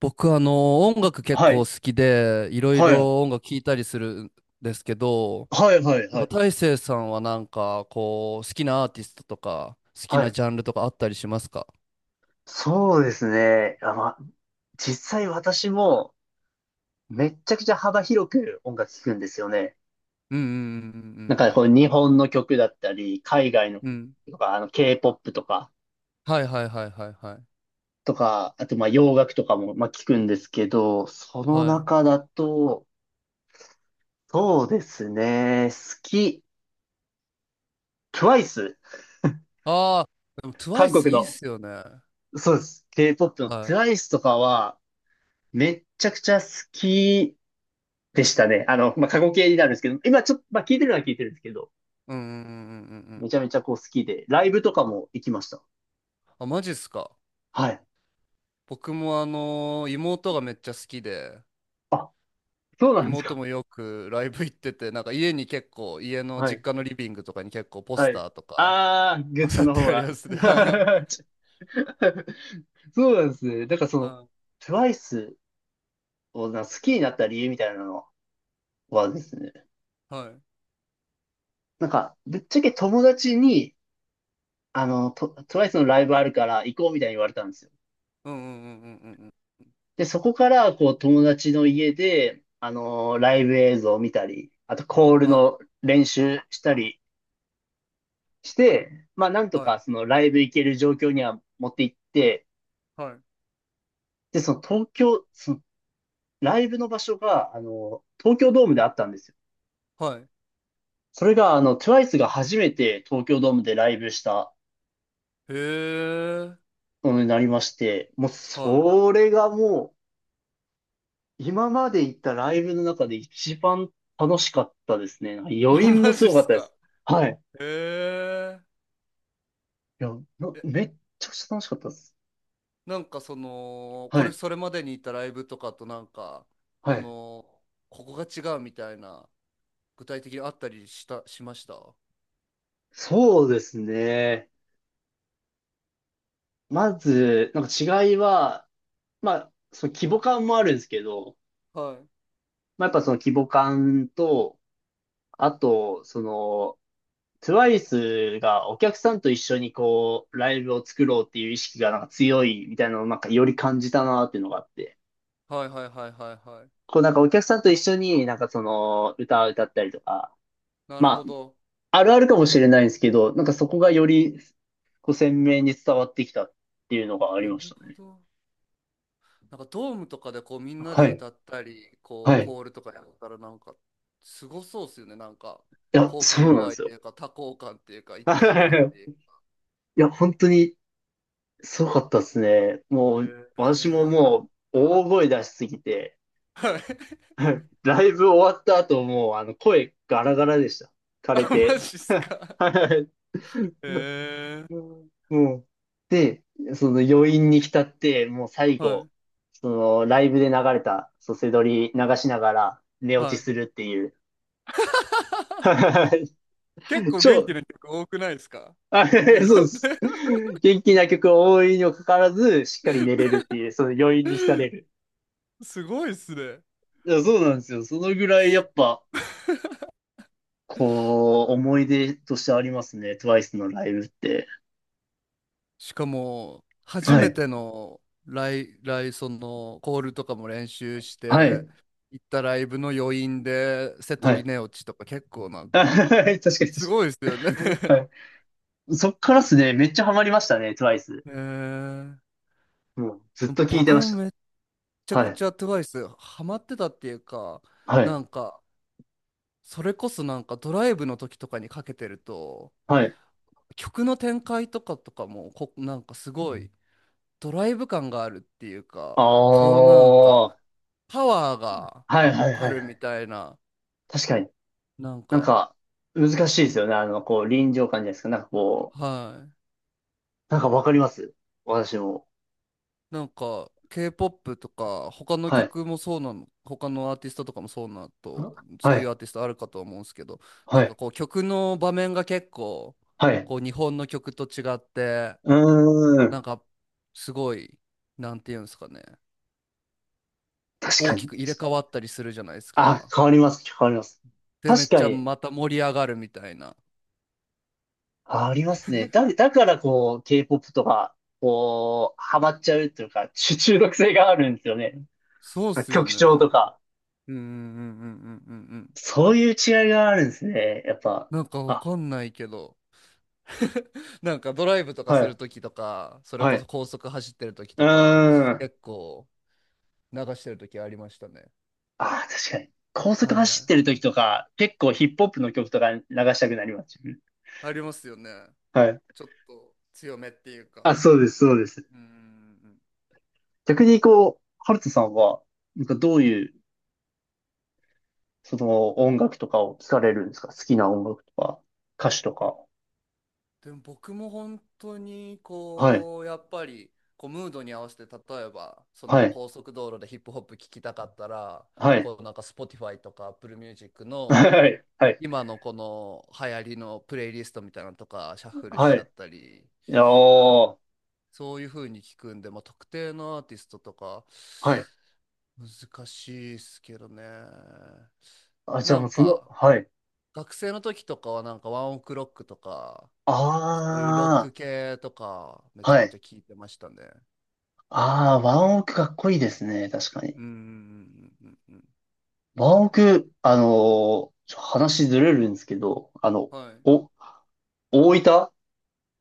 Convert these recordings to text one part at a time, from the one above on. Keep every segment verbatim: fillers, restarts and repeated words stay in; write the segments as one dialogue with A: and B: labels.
A: 僕、あの、音楽結
B: は
A: 構
B: い。
A: 好きで、いろい
B: はい。
A: ろ音楽聴いたりするんですけど、
B: はい、はい、は
A: なんか
B: い。
A: 大成さんはなんか、こう、好きなアーティストとか、好き
B: は
A: な
B: い。
A: ジャンルとかあったりしますか？
B: そうですね。あ、まあ、実際私もめっちゃくちゃ幅広く音楽聴くんですよね。
A: うんうん
B: なんかこう日本の曲だったり、海外の
A: うんうん
B: 曲
A: うんうん。うん、
B: とか、あの K-ポップ とか、
A: はいはいはいはいはい。
B: とか、あとまあ洋楽とかもまあ聞くんですけど、その
A: はい。
B: 中だと、そうですね。好き。トゥワイス。
A: ああ、でも
B: 韓
A: トゥワイス
B: 国
A: いいっ
B: の。
A: すよね。
B: そうです。K-ポップ の
A: はい。
B: トゥワイス とかはめっちゃくちゃ好きでしたね。あの、まあ、過去形になるんですけど、今ちょっと、まあ、聞いてるのは聞いてるんですけど、
A: うんうんうんうんうんうん。
B: めちゃめちゃこう好きで、ライブとかも行きました。
A: あ、マジっすか？
B: はい。
A: 僕もあの、妹がめっちゃ好きで、
B: あ、そうなんです
A: 妹
B: か。
A: もよく ライブ行ってて、なんか家に結構、家の
B: は
A: 実
B: い。
A: 家のリビングとかに結構ポス
B: はい。
A: ターとか
B: あー、グッズ
A: 飾っ
B: の
A: て
B: 方
A: ありま
B: が。
A: すね。は い。
B: そうなんですね。だからその、
A: は
B: トゥワイス をな好きになった理由みたいなのはですね、
A: い。はい。
B: なんか、ぶっちゃけ友達に、あの、ト トゥワイス のライブあるから行こうみたいに言われたんですよ。
A: うんうんうんうんうんうん。
B: で、そこから、こう、友達の家で、あのーライブ映像を見たり、あと、コール
A: はい。
B: の練習したりして、まあ、なんと
A: はい。
B: か、その、ライブ行ける状況には持って行って、
A: はい。
B: で、その、東京、その、ライブの場所が、あのー東京ドームであったんですよ。
A: はい。
B: それが、あの、トゥワイス が初めて東京ドームでライブした
A: へえ。
B: ものになりまして、もう、
A: はい。
B: それがもう、今まで行ったライブの中で一番楽しかったですね。なんか余 韻も
A: マ
B: す
A: ジっ
B: ごかっ
A: す
B: たで
A: か？
B: す。はい。
A: へえ。
B: いや、な
A: え、
B: めっちゃくちゃ楽しかったです。
A: なんかその、こ
B: は
A: れ
B: い。
A: それまでに行ったライブとかとなんか、
B: は
A: こ
B: い。
A: の、ここが違うみたいな、具体的にあったりした、しましたは
B: そうですね。まず、なんか違いは、まあ、その規模感もあるんですけど、
A: い。
B: まあ、やっぱその規模感と、あと、その、トゥワイス がお客さんと一緒にこう、ライブを作ろうっていう意識がなんか強いみたいなのをなんかより感じたなっていうのがあって、
A: はいはいはいはいはい。
B: こうなんかお客さんと一緒になんかその、歌を歌ったりとか、
A: なる
B: ま
A: ほど。
B: あ、あるあるかもしれないんですけど、なんかそこがよりこう鮮明に伝わってきたっていうのがあり
A: な
B: ま
A: る
B: した
A: ほ
B: ね。
A: ど。なんかドームとかでこうみんなで
B: はい。
A: 歌ったり、こ
B: は
A: う
B: い。い
A: コールとかやったらなんかすごそうですよね。なんか
B: や、
A: 興
B: そ
A: 奮
B: うなん
A: 度
B: で
A: 合いっ
B: す
A: て
B: よ。
A: いうか多幸感っていうか一体感っ ていう。
B: いや、本当にすごかったですね。
A: へ
B: もう、私も
A: え。
B: もう大声出しすぎて、
A: はい。
B: ライブ終わった後もう、あの、声ガラガラでした。枯
A: あ、
B: れ
A: マ
B: て。
A: ジっす か？
B: はい、
A: へえ。
B: うん、もう、で、その余韻に浸って、もう最
A: は
B: 後、
A: い。
B: そのライブで流れた、そセドり流しながら寝落
A: は
B: ち
A: い。
B: するっていう。
A: 結 構元気
B: 超、
A: な曲多くないですか？
B: あ、
A: ね、ね
B: そうです。元気な曲が多いにもかかわらず、しっかり寝れるっていう、その余韻に浸れる。
A: すごいっすね。
B: いや、そうなんですよ。そのぐらいやっぱ、こう、思い出としてありますね。トゥワイス のライブって。
A: しかも、初
B: は
A: めて
B: い。
A: のライ、ライ、その、コールとかも練習し
B: は
A: て、
B: い。
A: 行ったライブの余韻で、セ
B: は
A: トリ
B: い。
A: ネオチとか結構なん か、
B: 確かに、確かに。
A: すごいですよね。
B: は い。そっからっすね、めっちゃハマりましたね、トゥワイス。
A: えー、
B: もう、ずっ
A: でも
B: と聞いて
A: 僕
B: ま
A: も
B: した。
A: めっちゃ
B: は
A: く
B: い。
A: ちゃトゥワイスハマってたっていうか、
B: はい。
A: なんか、それこそなんかドライブの時とかにかけてると、
B: はい。
A: 曲の展開とかとかもこ、なんかすごい、ドライブ感があるっていう
B: あ
A: か、こうなんか、
B: あ。はい、
A: パワーが
B: はい、はい、
A: あ
B: はい。
A: るみたいな、
B: 確かに。
A: なん
B: なん
A: か、
B: か、難しいですよね。あの、こう、臨場感じゃないですか。なんかこ
A: はい。
B: なんかわかります、私も。
A: なんか、K-ポップ とか、他の
B: はい。
A: 曲もそうなの、他のアーティストとかもそうなと、
B: は
A: そういう
B: い。
A: アーティストあるかと思うんですけど、
B: は
A: なんか
B: い。
A: こう、曲の場面が結構、
B: はい。
A: こう、日本の曲と違って、
B: うー
A: な
B: ん。
A: んか、すごい、なんていうんですかね、
B: 確
A: 大
B: か
A: き
B: に。
A: く入れ替わったりするじゃないです
B: あ、
A: か。
B: 変わります、変わります。
A: で、めっ
B: 確か
A: ちゃ
B: に。
A: また盛り上がるみたいな。
B: あ、りますね。だ、だからこう、K-ポップ とか、こう、ハマっちゃうというか、中中毒性があるんですよね。
A: そうっすよ
B: 曲
A: ね。う
B: 調と
A: ん
B: か。
A: うんうんうんうんうんうん。
B: そういう違いがあるんですね。やっぱ。
A: なんかわ
B: あ、
A: かんないけど。なんかドライブとか
B: は
A: す
B: い。
A: るときとか、それ
B: は
A: こそ
B: い。
A: 高速走ってるとき
B: うー
A: とか、
B: ん。
A: 結構流してるときありましたね。
B: あ、確かに。高速
A: は
B: 走っ
A: い。
B: てる時とか、結構ヒップホップの曲とか流したくなります。
A: ありますよね。
B: はい。
A: ちょっと強めっていうか。
B: あ、そうです、そうです。
A: うんうんうん。
B: 逆にこう、ハルトさんは、なんかどういう、その音楽とかを聞かれるんですか。好きな音楽とか、歌手とか。
A: でも僕も本当に
B: はい、
A: こう、やっぱりこうムードに合わせて、例えばそ
B: は
A: の
B: い、
A: 高速道路でヒップホップ聴きたかったら、
B: はい、
A: こうなんか Spotify とか Apple Music の
B: はい、はい、
A: 今のこの流行りのプレイリストみたいなのとかシャッフルし
B: はい。
A: ちゃったり、
B: いやー、
A: そういう風に聞くんで、まあ、特定のアーティストとか
B: はい。
A: 難しいっすけどね。
B: あ、じゃあ
A: な
B: もう
A: ん
B: その、
A: か
B: はい。
A: 学生の時とかはなんかワンオクロックとかそういうロッ
B: あ
A: ク系とかめ
B: ー、
A: ちゃ
B: は
A: くちゃ
B: い。
A: 聞いてましたね。
B: あー、ワンオクかっこいいですね、確か
A: う
B: に。
A: んうんうんうんうんうん。
B: ワンオク、あのーちょ話ずれるんですけど、あの、
A: はい
B: お、大分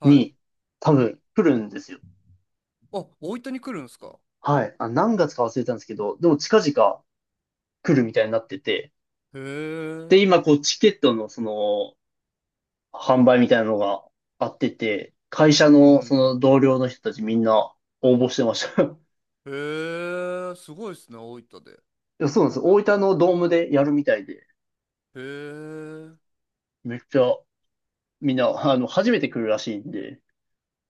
A: はい。
B: に多分来るんですよ。
A: あ、大分に来るんですか？
B: はい。あ、何月か忘れたんですけど、でも近々来るみたいになってて、
A: へえ。う
B: で、
A: ん
B: 今こうチケットのその販売みたいなのがあってて、会社
A: う
B: のそ
A: ん
B: の同僚の人たちみんな応募してました。い
A: うん。へえ、すごいっすね、大分で。
B: や、そうなんです。大分のドームでやるみたいで、
A: へえ。
B: めっちゃみんな、あの、初めて来るらしいんで、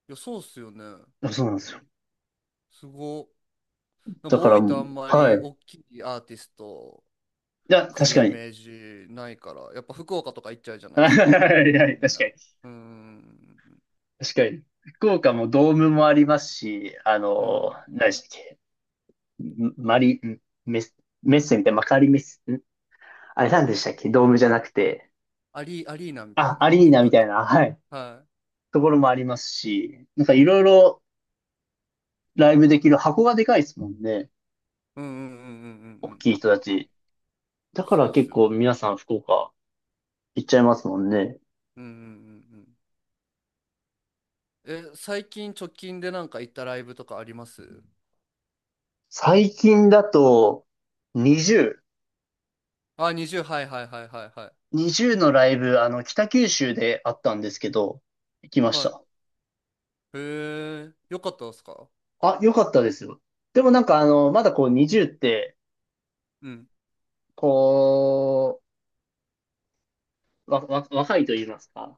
A: いや、そうっすよね。
B: あ、そうなんですよ。
A: すご。なん
B: だ
A: か
B: から
A: 大
B: も
A: 分あ
B: う、
A: んま
B: はい。
A: り
B: い
A: 大きいアーティスト
B: や、
A: 来
B: 確
A: る
B: か
A: イ
B: に。
A: メージないから、やっぱ福岡とか行っちゃうじゃ ない
B: は
A: で
B: い、
A: すか。
B: はい、はい、
A: みん
B: 確か
A: な。
B: に。
A: うーん。
B: 確かに。福岡もドームもありますし、あ
A: う
B: の、
A: ん。
B: 何でしたっけ。マリ、んメス、メッセみたいな、マカリメッセ、んあれなんでしたっけ。ドームじゃなくて。
A: アリ、アリーナみたい
B: あ、
A: な。
B: アリー
A: 違
B: ナみ
A: うっ
B: たい
A: け。
B: な、はい。
A: は
B: ところもありますし、なん
A: い。う
B: かい
A: ん。
B: ろいろライブできる箱がでかいですもんね。
A: うんうんうんうんうんう
B: 大
A: んう
B: きい
A: ん
B: 人
A: う
B: た
A: んうん。
B: ち。だか
A: そう
B: ら
A: っ
B: 結
A: すよ
B: 構
A: ね。
B: 皆さん福岡行っちゃいますもんね。
A: うんうんうんうん。え、最近直近でなんか行ったライブとかあります？
B: 最近だとにじゅう、
A: あ、にじゅう、はいはいはいはいはい。
B: にじゅうのライブ、あの、北九州であったんですけど、行きまし
A: はい。
B: た。
A: へえ、よかったですか？
B: あ、良かったですよ。でもなんかあの、まだこうにじゅうって、
A: うん、
B: こう、わ、わ、若いと言いますか。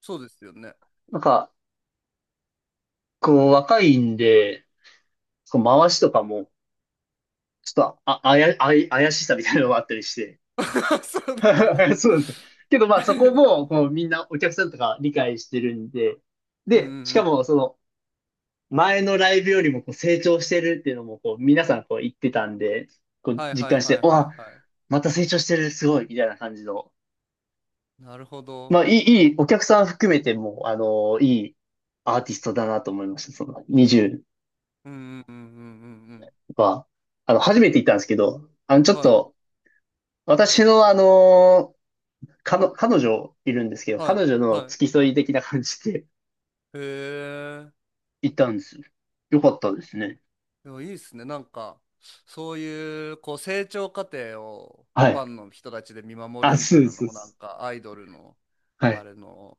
A: そうですよね。
B: なんか、こう、若いんで、こう回しとかも、ちょっと、あ、あや、あや怪しさみたいなのがあったりして。
A: そうだよ。
B: そうです。けど、まあ、そこも、こう、みんなお客さんとか理解してるんで、
A: うんうん
B: で、
A: う
B: しか
A: ん。
B: も、その、前のライブよりも、こう、成長してるっていうのも、こう、皆さん、こう、言ってたんで、こう、
A: はい
B: 実
A: はい
B: 感し
A: は
B: て、
A: いはい
B: わ、
A: は
B: また成長してる、すごい、みたいな感じの。
A: い。なるほど。
B: まあ、いい、いい、お客さん含めても、あの、いいアーティストだなと思いました。その、にじゅう、
A: うんうんうんうんうん
B: は、あの、初めて行ったんですけど、あの、ちょ
A: う
B: っ
A: ん。はい
B: と、私のあの、彼女彼女いるんですけど、
A: はい
B: 彼女の
A: はい。
B: 付き添い的な感じで
A: へえ。
B: 行ったんですよ。よかったですね。
A: でもいいですね。なんか、そういう、こう、成長過程を
B: は
A: フ
B: い。
A: ァンの人たちで見守
B: あ、
A: るみ
B: そ
A: た
B: う
A: い
B: で
A: な
B: す、
A: の
B: そう
A: も、
B: で
A: なん
B: す。
A: か、アイドルの、
B: は
A: あ
B: い。
A: れの、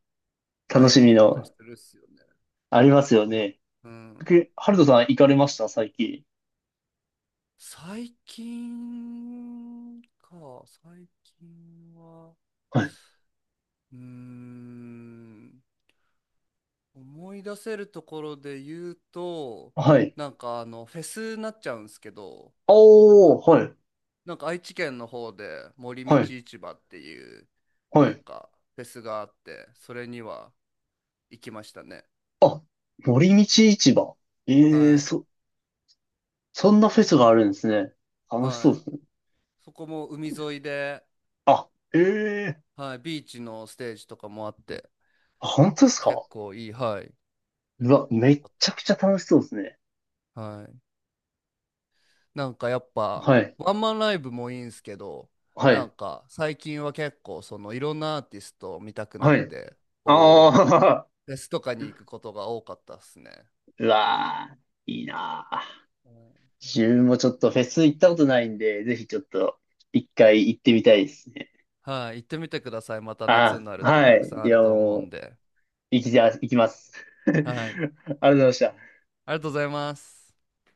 B: 楽
A: 醍
B: し
A: 醐
B: み
A: 味だったり
B: の、
A: するっすよね。
B: ありますよね。
A: うん。
B: けハルトさん行かれました、最近？
A: 最近か、最近は。
B: はい。
A: うーん、思い出せるところで言うと、
B: はい。
A: なんかあの、フェスになっちゃうんですけど、
B: おー、はい。
A: なんか愛知県の方で森
B: は
A: 道
B: い。
A: 市場っていう、
B: は
A: なん
B: い。
A: かフェスがあって、それには行きましたね。
B: あ、森道市場。ええ
A: はい。
B: そ、そんなフェスがあるんですね。楽しそ
A: は
B: うで
A: い。
B: すね。
A: そこも海沿いで、
B: あ、ええ、
A: はい、ビーチのステージとかもあって、
B: あ、本当です
A: 結
B: か？
A: 構いい、はい。
B: うわ、めっちゃくちゃ楽しそうですね。
A: はい。なんかやっぱ
B: はい。
A: ワンマンライブもいいんすけど、
B: は
A: なん
B: い。
A: か最近は結構そのいろんなアーティストを見たくな
B: は
A: っ
B: い。
A: て、こう
B: ああ、
A: フェスとかに行くことが多かったっすね。
B: うわー、いいなー。
A: うん、
B: 自分もちょっとフェス行ったことないんで、ぜひちょっと一回行ってみたいですね。
A: はい、行ってみてください。また夏に
B: あ
A: な
B: あ、
A: ると
B: は
A: たく
B: い。
A: さん
B: い
A: ある
B: や、
A: と思う
B: も
A: ん
B: う、
A: で。
B: 行きじゃ、行きます。あり
A: はい、
B: がとうございました。
A: ありがとうございます。